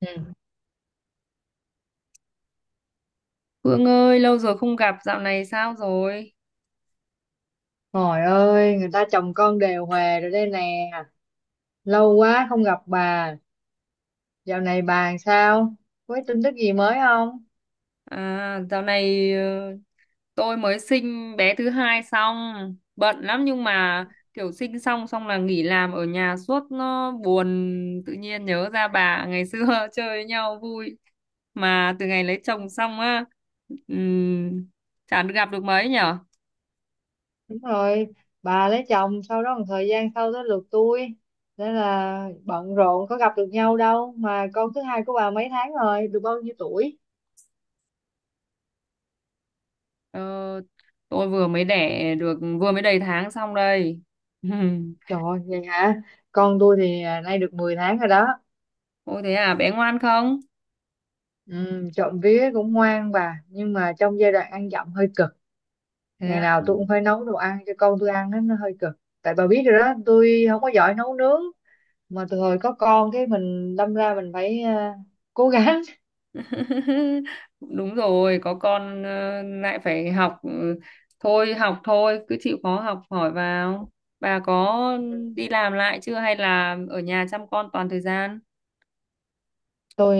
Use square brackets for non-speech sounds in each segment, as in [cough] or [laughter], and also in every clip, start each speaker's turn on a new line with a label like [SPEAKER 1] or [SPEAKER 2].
[SPEAKER 1] Ừ.
[SPEAKER 2] Hương ơi, lâu rồi không gặp, dạo này sao rồi?
[SPEAKER 1] Trời ơi, người ta chồng con đều hòa rồi đây nè. Lâu quá không gặp bà. Dạo này bà làm sao? Có cái tin tức gì mới không?
[SPEAKER 2] À, dạo này tôi mới sinh bé thứ hai xong, bận lắm nhưng mà kiểu sinh xong xong là nghỉ làm ở nhà suốt nó buồn, tự nhiên nhớ ra bà ngày xưa [laughs] chơi với nhau vui. Mà từ ngày lấy chồng xong á, ừm, chả được gặp được mấy nhở?
[SPEAKER 1] Đúng rồi, bà lấy chồng sau đó một thời gian sau tới lượt tôi. Nên là bận rộn có gặp được nhau đâu. Mà con thứ hai của bà mấy tháng rồi, được bao nhiêu tuổi?
[SPEAKER 2] Ờ, tôi vừa mới đẻ được, vừa mới đầy tháng xong đây. [laughs]
[SPEAKER 1] Trời ơi, vậy hả? Con tôi thì nay được 10 tháng rồi đó.
[SPEAKER 2] Ôi thế à, bé ngoan không?
[SPEAKER 1] Ừ, trộm vía cũng ngoan bà. Nhưng mà trong giai đoạn ăn dặm hơi cực.
[SPEAKER 2] Thế
[SPEAKER 1] Ngày
[SPEAKER 2] à?
[SPEAKER 1] nào tôi cũng phải nấu đồ ăn cho con tôi ăn đó, nó hơi cực. Tại bà biết rồi đó tôi không có giỏi nấu nướng. Mà từ hồi có con cái mình đâm ra mình phải cố gắng.
[SPEAKER 2] [laughs] Đúng rồi, có con lại phải học, thôi học thôi, cứ chịu khó học hỏi vào. Bà có đi làm lại chưa hay là ở nhà chăm con toàn thời gian?
[SPEAKER 1] [laughs] Tôi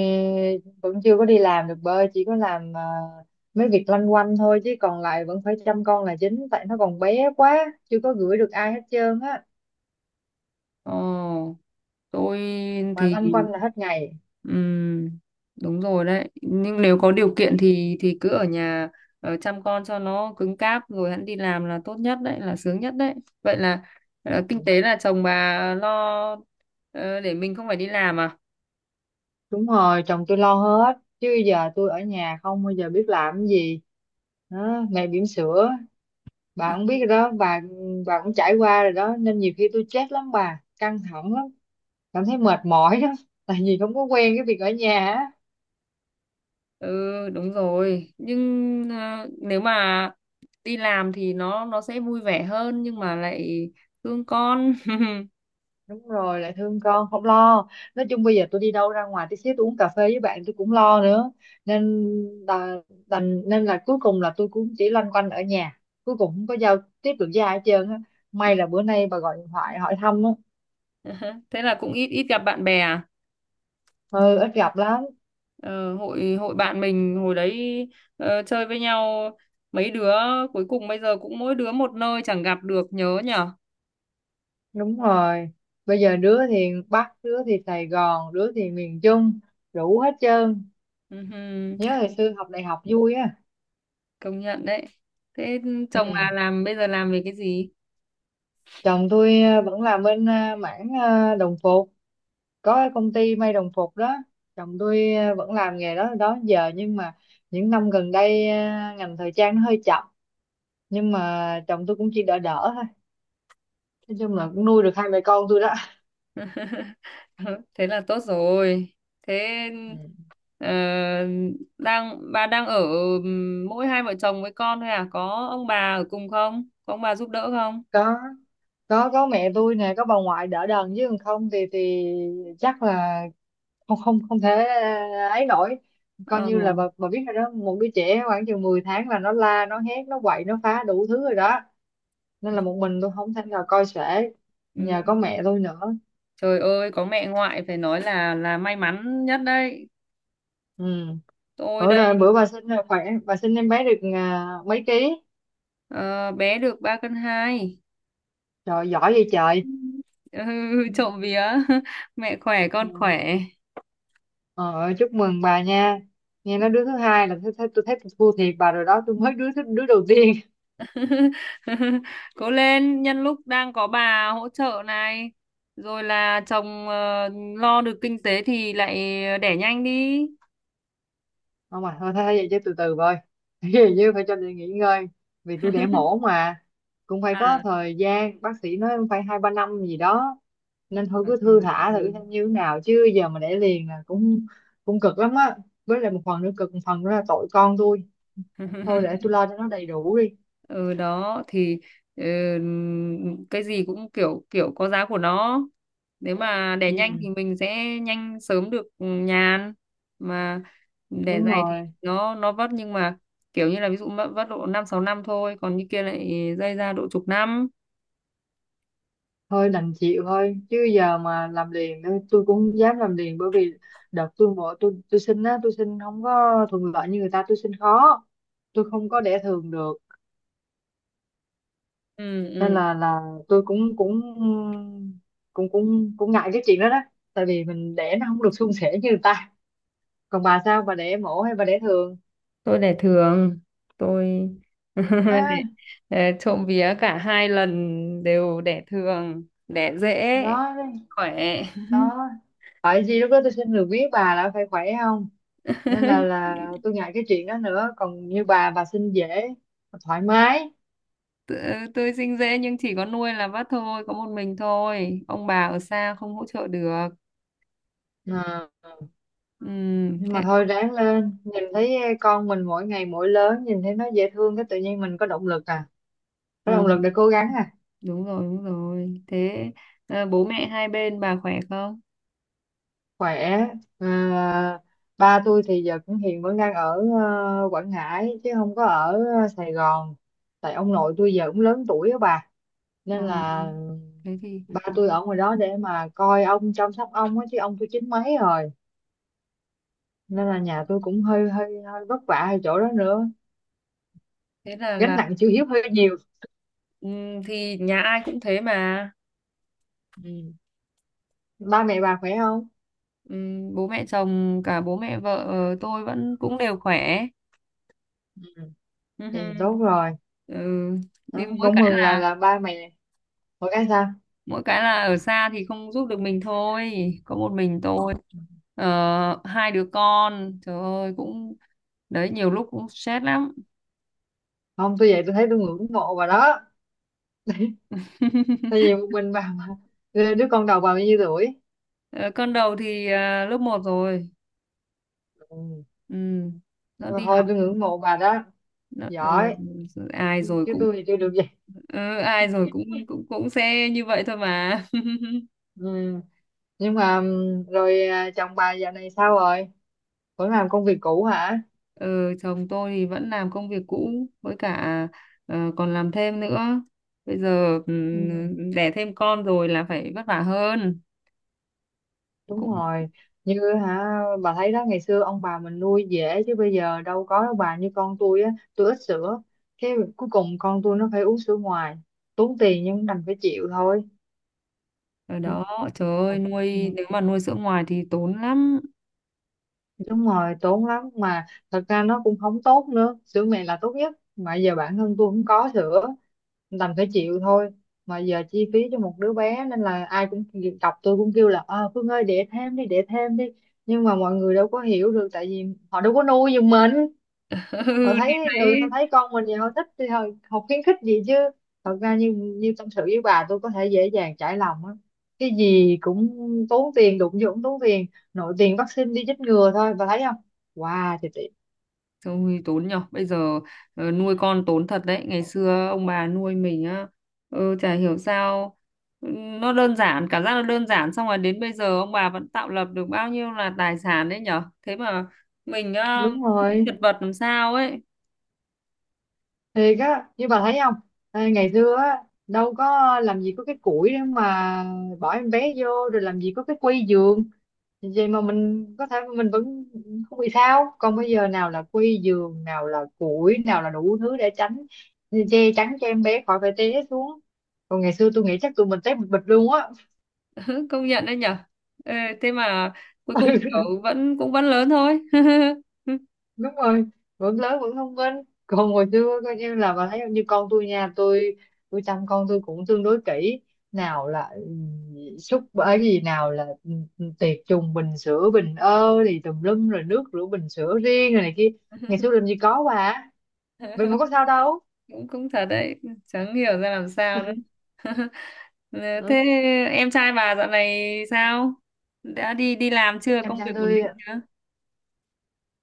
[SPEAKER 1] vẫn chưa có đi làm được bơi, chỉ có làm mấy việc loanh quanh thôi, chứ còn lại vẫn phải chăm con là chính, tại nó còn bé quá chưa có gửi được ai hết trơn á.
[SPEAKER 2] Ồ, tôi
[SPEAKER 1] Mà
[SPEAKER 2] thì
[SPEAKER 1] loanh quanh là hết ngày.
[SPEAKER 2] ừm, đúng rồi đấy. Nhưng nếu có điều kiện thì cứ ở nhà chăm con cho nó cứng cáp rồi hẵng đi làm là tốt nhất đấy, là sướng nhất đấy. Vậy là kinh tế là chồng bà lo ờ, để mình không phải đi làm à?
[SPEAKER 1] Đúng rồi, chồng tôi lo hết chứ giờ tôi ở nhà không bao giờ biết làm cái gì đó, ngày bỉm sữa bà cũng biết rồi đó, bà cũng trải qua rồi đó, nên nhiều khi tôi stress lắm bà, căng thẳng lắm, cảm thấy mệt mỏi đó. [laughs] Tại vì không có quen cái việc ở nhà á.
[SPEAKER 2] Ừ đúng rồi, nhưng nếu mà đi làm thì nó sẽ vui vẻ hơn nhưng mà lại thương con.
[SPEAKER 1] Đúng rồi, lại thương con không lo. Nói chung bây giờ tôi đi đâu ra ngoài tí xíu, tôi uống cà phê với bạn tôi cũng lo nữa, nên là đành, nên là cuối cùng là tôi cũng chỉ loanh quanh ở nhà, cuối cùng không có giao tiếp được với ai hết trơn á. May là bữa nay bà gọi điện thoại hỏi thăm á.
[SPEAKER 2] [laughs] Thế là cũng ít ít gặp bạn bè à.
[SPEAKER 1] Ừ, ít gặp lắm.
[SPEAKER 2] Ờ, hội hội bạn mình hồi đấy chơi với nhau mấy đứa, cuối cùng bây giờ cũng mỗi đứa một nơi chẳng gặp được nhớ nhở.
[SPEAKER 1] Đúng rồi. Bây giờ đứa thì Bắc, đứa thì Sài Gòn, đứa thì miền Trung, đủ hết trơn.
[SPEAKER 2] Ừhừ,
[SPEAKER 1] Nhớ hồi xưa học đại học vui á.
[SPEAKER 2] công nhận đấy. Thế
[SPEAKER 1] Ừ.
[SPEAKER 2] chồng bà làm bây giờ làm về cái gì?
[SPEAKER 1] Chồng tôi vẫn làm bên mảng đồng phục, có cái công ty may đồng phục đó. Chồng tôi vẫn làm nghề đó đó giờ, nhưng mà những năm gần đây ngành thời trang nó hơi chậm. Nhưng mà chồng tôi cũng chỉ đỡ đỡ thôi. Nói chung là cũng nuôi được hai mẹ con tôi đó.
[SPEAKER 2] [laughs] Thế là tốt rồi. Thế
[SPEAKER 1] Ừ.
[SPEAKER 2] ờ, bà đang ở mỗi hai vợ chồng với con thôi à, có ông bà ở cùng không, có ông bà giúp đỡ không?
[SPEAKER 1] Có. Có mẹ tôi nè, có bà ngoại đỡ đần chứ còn không thì chắc là không không không thể ấy nổi. Coi
[SPEAKER 2] Ờ.
[SPEAKER 1] như là bà biết rồi đó, một đứa trẻ khoảng chừng 10 tháng là nó la nó hét nó quậy nó phá đủ thứ rồi đó, nên là một mình tôi không thể nào coi sể, nhờ có
[SPEAKER 2] Ừ.
[SPEAKER 1] mẹ tôi nữa.
[SPEAKER 2] Trời ơi, có mẹ ngoại phải nói là may mắn nhất đấy.
[SPEAKER 1] Ừ,
[SPEAKER 2] Tôi
[SPEAKER 1] bữa rồi,
[SPEAKER 2] đây,
[SPEAKER 1] bữa bà sinh là khỏe, bà sinh em bé được mấy ký?
[SPEAKER 2] ờ, bé được 3,2 cân.
[SPEAKER 1] Trời giỏi vậy trời.
[SPEAKER 2] [laughs] Ừ, trộm vía. [laughs] Mẹ khỏe con
[SPEAKER 1] Ừ.
[SPEAKER 2] khỏe.
[SPEAKER 1] Ờ, chúc mừng bà nha. Nghe nói đứa thứ hai là tôi thấy, tôi thua thiệt bà rồi đó, tôi mới đứa đầu tiên.
[SPEAKER 2] [laughs] Cố lên, nhân lúc đang có bà hỗ trợ này, rồi là chồng lo được kinh tế thì lại đẻ nhanh đi.
[SPEAKER 1] Không, mà thôi thế vậy chứ từ từ thôi. [laughs] Ví như phải cho tôi nghỉ ngơi vì tôi đẻ
[SPEAKER 2] [laughs]
[SPEAKER 1] mổ mà, cũng phải có
[SPEAKER 2] À
[SPEAKER 1] thời gian, bác sĩ nói cũng phải 2-3 năm gì đó. Nên thôi cứ thư
[SPEAKER 2] ừ,
[SPEAKER 1] thả thử
[SPEAKER 2] ừ.
[SPEAKER 1] xem như thế nào, chứ giờ mà đẻ liền là cũng cũng cực lắm á. Với lại một phần nữa cực, một phần nữa là tội con tôi. Thôi để
[SPEAKER 2] [laughs]
[SPEAKER 1] tôi lo cho nó đầy đủ đi.
[SPEAKER 2] Ừ đó thì, ừ, cái gì cũng kiểu kiểu có giá của nó, nếu mà đẻ nhanh
[SPEAKER 1] Ừ,
[SPEAKER 2] thì mình sẽ nhanh sớm được nhàn, mà đẻ
[SPEAKER 1] đúng
[SPEAKER 2] dày thì
[SPEAKER 1] rồi.
[SPEAKER 2] nó vất, nhưng mà kiểu như là ví dụ vất độ 5-6 năm thôi, còn như kia lại dây ra độ chục năm.
[SPEAKER 1] Thôi đành chịu thôi, chứ giờ mà làm liền nữa tôi cũng không dám làm liền, bởi vì đợt tôi bỏ, tôi xin á, tôi xin không có thuận lợi như người ta, tôi xin khó, tôi không có đẻ thường được.
[SPEAKER 2] Ừ
[SPEAKER 1] Nên
[SPEAKER 2] ừ,
[SPEAKER 1] là tôi cũng cũng cũng cũng cũng ngại cái chuyện đó đó, tại vì mình đẻ nó không được suôn sẻ như người ta. Còn bà sao, bà đẻ mổ hay bà đẻ thường?
[SPEAKER 2] tôi để thường. Tôi [laughs] để,
[SPEAKER 1] À,
[SPEAKER 2] để trộm vía cả hai lần đều đẻ thường đẻ dễ
[SPEAKER 1] đó đấy,
[SPEAKER 2] khỏe.
[SPEAKER 1] đó phải gì lúc đó tôi xin được biết bà là phải khỏe không. Nên là
[SPEAKER 2] [laughs]
[SPEAKER 1] là tôi ngại cái chuyện đó nữa, còn như bà xin dễ, thoải mái.
[SPEAKER 2] Tự- tôi sinh dễ nhưng chỉ có nuôi là vắt thôi, có một mình thôi, ông bà ở xa không hỗ trợ được.
[SPEAKER 1] À,
[SPEAKER 2] Ừ,
[SPEAKER 1] nhưng mà
[SPEAKER 2] thế
[SPEAKER 1] thôi ráng lên, nhìn thấy con mình mỗi ngày mỗi lớn, nhìn thấy nó dễ thương cái tự nhiên mình có động lực à, có
[SPEAKER 2] ờ,
[SPEAKER 1] động lực để cố gắng à.
[SPEAKER 2] đúng rồi đúng rồi. Thế bố mẹ hai bên bà khỏe không?
[SPEAKER 1] Khỏe. À, ba tôi thì giờ cũng hiện vẫn đang ở Quảng Ngãi chứ không có ở Sài Gòn, tại ông nội tôi giờ cũng lớn tuổi á bà,
[SPEAKER 2] Ờ,
[SPEAKER 1] nên là
[SPEAKER 2] thế thì
[SPEAKER 1] ba tôi ở ngoài đó để mà coi ông, chăm sóc ông á, chứ ông tôi chín mấy rồi. Nên là nhà tôi cũng hơi hơi hơi vất vả ở chỗ đó nữa,
[SPEAKER 2] thế là
[SPEAKER 1] gánh
[SPEAKER 2] là
[SPEAKER 1] nặng chữ hiếu hơi nhiều.
[SPEAKER 2] ừ, thì nhà ai cũng thế mà.
[SPEAKER 1] Ừ. Ba mẹ bà khỏe không?
[SPEAKER 2] Bố mẹ chồng cả bố mẹ vợ, tôi vẫn cũng đều khỏe. Ừ.
[SPEAKER 1] Thì
[SPEAKER 2] Hừ.
[SPEAKER 1] tốt rồi
[SPEAKER 2] Ừ,
[SPEAKER 1] đó,
[SPEAKER 2] nhưng mỗi
[SPEAKER 1] cũng
[SPEAKER 2] cái
[SPEAKER 1] mừng là
[SPEAKER 2] là
[SPEAKER 1] là ba mày một cái sao.
[SPEAKER 2] ở xa thì không giúp được mình thôi, có một mình tôi. Ờ, hai đứa con trời ơi cũng, đấy nhiều lúc cũng stress lắm.
[SPEAKER 1] Không, tôi vậy, tôi thấy tôi ngưỡng mộ bà đó,
[SPEAKER 2] [laughs]
[SPEAKER 1] tại vì một mình bà mà. Đứa con đầu bà bao nhiêu tuổi?
[SPEAKER 2] Ờ, con đầu thì lớp 1 rồi.
[SPEAKER 1] Ừ.
[SPEAKER 2] Ừ.
[SPEAKER 1] Nhưng
[SPEAKER 2] Nó
[SPEAKER 1] mà
[SPEAKER 2] đi
[SPEAKER 1] thôi,
[SPEAKER 2] học.
[SPEAKER 1] tôi ngưỡng mộ bà đó,
[SPEAKER 2] nó, ừ,
[SPEAKER 1] giỏi,
[SPEAKER 2] ai rồi
[SPEAKER 1] chứ
[SPEAKER 2] cũng,
[SPEAKER 1] tôi thì chưa được vậy.
[SPEAKER 2] ừ, ai rồi cũng cũng cũng sẽ như vậy thôi mà. [laughs]
[SPEAKER 1] Ừ. Nhưng mà rồi chồng bà dạo này sao rồi, vẫn làm công việc cũ hả?
[SPEAKER 2] Ừ, chồng tôi thì vẫn làm công việc cũ, với cả còn làm thêm nữa. Bây giờ
[SPEAKER 1] Ừ.
[SPEAKER 2] đẻ thêm con rồi là phải vất vả hơn.
[SPEAKER 1] Đúng
[SPEAKER 2] Cũng
[SPEAKER 1] rồi. Như hả, bà thấy đó, ngày xưa ông bà mình nuôi dễ chứ bây giờ đâu có đâu bà, như con tôi á, tôi ít sữa, cái cuối cùng con tôi nó phải uống sữa ngoài, tốn tiền nhưng đành phải chịu thôi.
[SPEAKER 2] ở đó, trời ơi,
[SPEAKER 1] Ừ,
[SPEAKER 2] nếu mà nuôi sữa ngoài thì tốn lắm. [laughs]
[SPEAKER 1] đúng rồi, tốn lắm mà, thật ra nó cũng không tốt nữa, sữa mẹ là tốt nhất, mà giờ bản thân tôi không có sữa, đành phải chịu thôi. Mà giờ chi phí cho một đứa bé nên là ai cũng đọc, tôi cũng kêu là Phương ơi đẻ thêm đi, đẻ thêm đi, nhưng mà mọi người đâu có hiểu được, tại vì họ đâu có nuôi giùm mình, họ
[SPEAKER 2] Ừ, thì
[SPEAKER 1] thấy ừ tao
[SPEAKER 2] thấy.
[SPEAKER 1] thấy con mình vậy họ thích thì họ khuyến khích gì chứ. Thật ra như như tâm sự với bà tôi có thể dễ dàng trải lòng á, cái gì cũng tốn tiền, đụng vô cũng tốn tiền, nội tiền vaccine đi chích ngừa thôi bà thấy không, wow thì,
[SPEAKER 2] Ôi, tốn nhở bây giờ, nuôi con tốn thật đấy, ngày xưa ông bà nuôi mình á, ừ, chả hiểu sao, ừ, nó đơn giản cảm giác nó đơn giản, xong rồi đến bây giờ ông bà vẫn tạo lập được bao nhiêu là tài sản đấy nhở, thế mà mình á,
[SPEAKER 1] đúng rồi.
[SPEAKER 2] chật vật làm sao ấy.
[SPEAKER 1] Thiệt á, như bà thấy không, à, ngày xưa á đâu có, làm gì có cái củi để mà bỏ em bé vô, rồi làm gì có cái quy giường, vậy mà mình có thể mình vẫn không bị sao, còn bây
[SPEAKER 2] Ừ.
[SPEAKER 1] giờ nào là quy giường nào là củi nào là đủ thứ để tránh, che chắn cho em bé khỏi phải té xuống. Còn ngày xưa tôi nghĩ chắc tụi mình té bịch bịch luôn á.
[SPEAKER 2] [laughs] Công nhận đấy nhở. Ê, thế mà cuối cùng kiểu vẫn cũng vẫn lớn thôi. [laughs]
[SPEAKER 1] Đúng rồi, vẫn lớn vẫn thông minh. Còn hồi xưa coi như là, bà thấy không? Như con tôi nha, tôi chăm con tôi cũng tương đối kỹ, nào là súc bởi gì, nào là tiệt trùng bình sữa, bình thì tùm lum, rồi nước rửa bình sữa riêng rồi này kia. Ngày xưa làm gì có bà, vậy mà có sao đâu.
[SPEAKER 2] cũng cũng thật đấy, chẳng hiểu ra làm sao nữa. [laughs] Ờ. Thế
[SPEAKER 1] Ừ.
[SPEAKER 2] em trai bà dạo này sao? Đã đi đi làm chưa?
[SPEAKER 1] em
[SPEAKER 2] Công việc
[SPEAKER 1] trai
[SPEAKER 2] ổn
[SPEAKER 1] tôi
[SPEAKER 2] định chưa?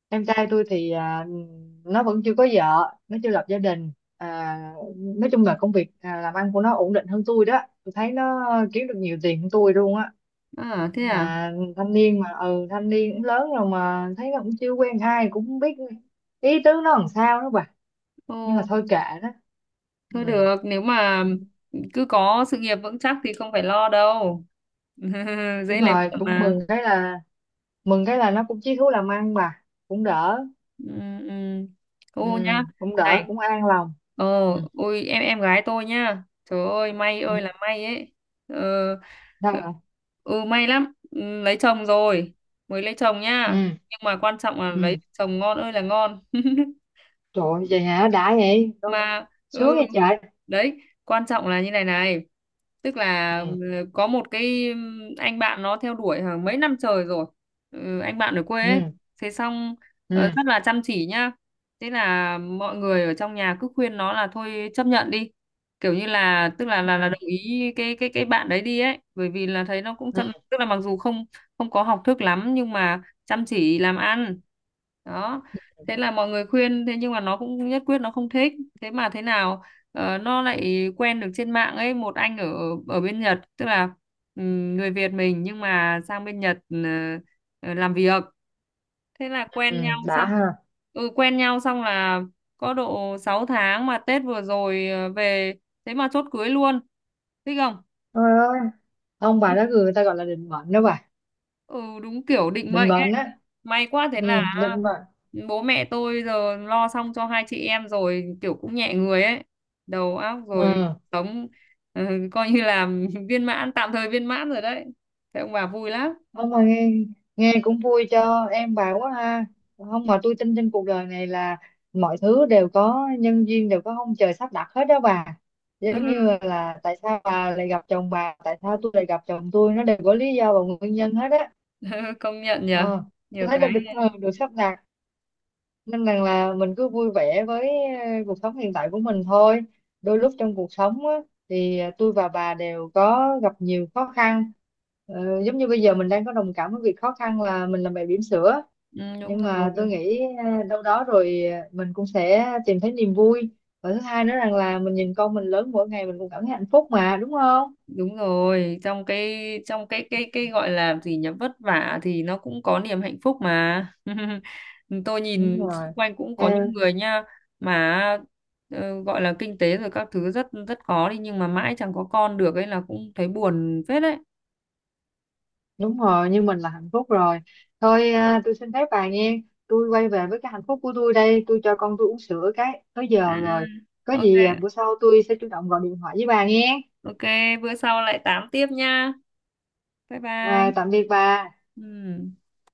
[SPEAKER 1] em trai tôi thì nó vẫn chưa có vợ, nó chưa lập gia đình. À, nói chung là công việc làm ăn của nó ổn định hơn tôi đó, tôi thấy nó kiếm được nhiều tiền hơn tôi luôn á.
[SPEAKER 2] À thế à?
[SPEAKER 1] Mà thanh niên mà, ừ, thanh niên cũng lớn rồi mà thấy nó cũng chưa quen ai, cũng không biết ý tứ nó làm sao đó bà. Nhưng mà
[SPEAKER 2] Ồ,
[SPEAKER 1] thôi kệ đó. Ừ.
[SPEAKER 2] thôi được, nếu mà cứ có sự nghiệp vững chắc thì không phải lo đâu. [laughs]
[SPEAKER 1] Đúng
[SPEAKER 2] Dễ lấy
[SPEAKER 1] rồi,
[SPEAKER 2] vợ
[SPEAKER 1] cũng
[SPEAKER 2] mà.
[SPEAKER 1] mừng cái là nó cũng chí thú làm ăn bà, cũng đỡ.
[SPEAKER 2] Ừ, ừ.
[SPEAKER 1] Ừ.
[SPEAKER 2] Ô nhá.
[SPEAKER 1] Cũng
[SPEAKER 2] Này,
[SPEAKER 1] đỡ, cũng an lòng.
[SPEAKER 2] ờ.
[SPEAKER 1] Ừ.
[SPEAKER 2] Ôi em gái tôi nhá, trời ơi may
[SPEAKER 1] Ừ.
[SPEAKER 2] ơi là may ấy. ờ, ờ,
[SPEAKER 1] Sao vậy?
[SPEAKER 2] ừ may lắm. Ừ, lấy chồng rồi, mới lấy chồng nhá,
[SPEAKER 1] Ừ.
[SPEAKER 2] nhưng mà quan trọng là lấy
[SPEAKER 1] Ừ.
[SPEAKER 2] chồng ngon ơi là ngon. [laughs]
[SPEAKER 1] Trời ơi, vậy hả, đã vậy. Đâu.
[SPEAKER 2] Mà ừ,
[SPEAKER 1] Sướng vậy trời.
[SPEAKER 2] đấy quan trọng là như này này. Tức là
[SPEAKER 1] Ừ.
[SPEAKER 2] có một cái anh bạn nó theo đuổi hàng mấy năm trời rồi, anh bạn ở quê ấy,
[SPEAKER 1] Ừ.
[SPEAKER 2] thế xong
[SPEAKER 1] Ừ.
[SPEAKER 2] rất là chăm chỉ nhá. Thế là mọi người ở trong nhà cứ khuyên nó là thôi chấp nhận đi, kiểu như là tức
[SPEAKER 1] Ừ.
[SPEAKER 2] là đồng ý cái bạn đấy đi ấy, bởi vì là thấy nó cũng
[SPEAKER 1] Ừ.
[SPEAKER 2] chăm, tức là mặc dù không không có học thức lắm nhưng mà chăm chỉ làm ăn. Đó, thế là mọi người khuyên thế nhưng mà nó cũng nhất quyết nó không thích. Thế mà thế nào, nó lại quen được trên mạng ấy một anh ở ở bên Nhật, tức là người Việt mình nhưng mà sang bên Nhật làm việc. Thế là
[SPEAKER 1] Ừ,
[SPEAKER 2] quen nhau
[SPEAKER 1] đã
[SPEAKER 2] xong,
[SPEAKER 1] ha.
[SPEAKER 2] quen nhau xong là có độ 6 tháng, mà Tết vừa rồi về, thế mà chốt cưới luôn, thích không?
[SPEAKER 1] Ôi ơi, ông bà đó
[SPEAKER 2] [laughs]
[SPEAKER 1] người ta gọi là định mệnh đó bà,
[SPEAKER 2] Ừ đúng kiểu định
[SPEAKER 1] định
[SPEAKER 2] mệnh.
[SPEAKER 1] mệnh á.
[SPEAKER 2] May quá, thế là
[SPEAKER 1] Ừ, định mệnh.
[SPEAKER 2] bố mẹ tôi giờ lo xong cho hai chị em rồi, kiểu cũng nhẹ người ấy. Đầu óc rồi
[SPEAKER 1] Ừ.
[SPEAKER 2] sống, ừ, coi như là [laughs] viên mãn tạm thời viên mãn rồi đấy. Thế ông bà vui lắm.
[SPEAKER 1] Không mà nghe nghe cũng vui cho em bà quá ha. Không mà tôi tin trên cuộc đời này là mọi thứ đều có nhân duyên, đều có ông trời sắp đặt hết đó bà. Giống như
[SPEAKER 2] [laughs]
[SPEAKER 1] là tại sao bà lại gặp chồng bà, tại sao tôi lại gặp chồng tôi, nó đều có lý do và nguyên nhân hết á.
[SPEAKER 2] Công nhận nhờ.
[SPEAKER 1] ờ, tôi
[SPEAKER 2] Nhiều
[SPEAKER 1] thấy là
[SPEAKER 2] cái,
[SPEAKER 1] được được sắp đặt, nên rằng là mình cứ vui vẻ với cuộc sống hiện tại của mình thôi. Đôi lúc trong cuộc sống á, thì tôi và bà đều có gặp nhiều khó khăn. Giống như bây giờ mình đang có đồng cảm với việc khó khăn là mình làm mẹ bỉm sữa.
[SPEAKER 2] ừ, đúng
[SPEAKER 1] Nhưng mà tôi
[SPEAKER 2] rồi.
[SPEAKER 1] nghĩ đâu đó rồi mình cũng sẽ tìm thấy niềm vui, và thứ hai nữa rằng là mình nhìn con mình lớn mỗi ngày, mình cũng cảm thấy hạnh phúc mà đúng không.
[SPEAKER 2] Đúng rồi, trong cái gọi là gì nhỉ, vất vả thì nó cũng có niềm hạnh phúc mà. [laughs] Tôi
[SPEAKER 1] Đúng
[SPEAKER 2] nhìn
[SPEAKER 1] rồi.
[SPEAKER 2] xung quanh cũng
[SPEAKER 1] Ờ,
[SPEAKER 2] có những người nha, mà gọi là kinh tế rồi các thứ rất rất khó đi nhưng mà mãi chẳng có con được ấy là cũng thấy buồn phết đấy.
[SPEAKER 1] Đúng rồi, nhưng mình là hạnh phúc rồi. Thôi tôi xin phép bà nghe. Tôi quay về với cái hạnh phúc của tôi đây. Tôi cho con tôi uống sữa cái tới giờ
[SPEAKER 2] À,
[SPEAKER 1] rồi. Có
[SPEAKER 2] ok
[SPEAKER 1] gì bữa sau tôi sẽ chủ động gọi điện thoại với bà nghe.
[SPEAKER 2] ok, bữa sau lại tám tiếp nha. Bye
[SPEAKER 1] Rồi,
[SPEAKER 2] bye.
[SPEAKER 1] tạm biệt bà.
[SPEAKER 2] Ừ.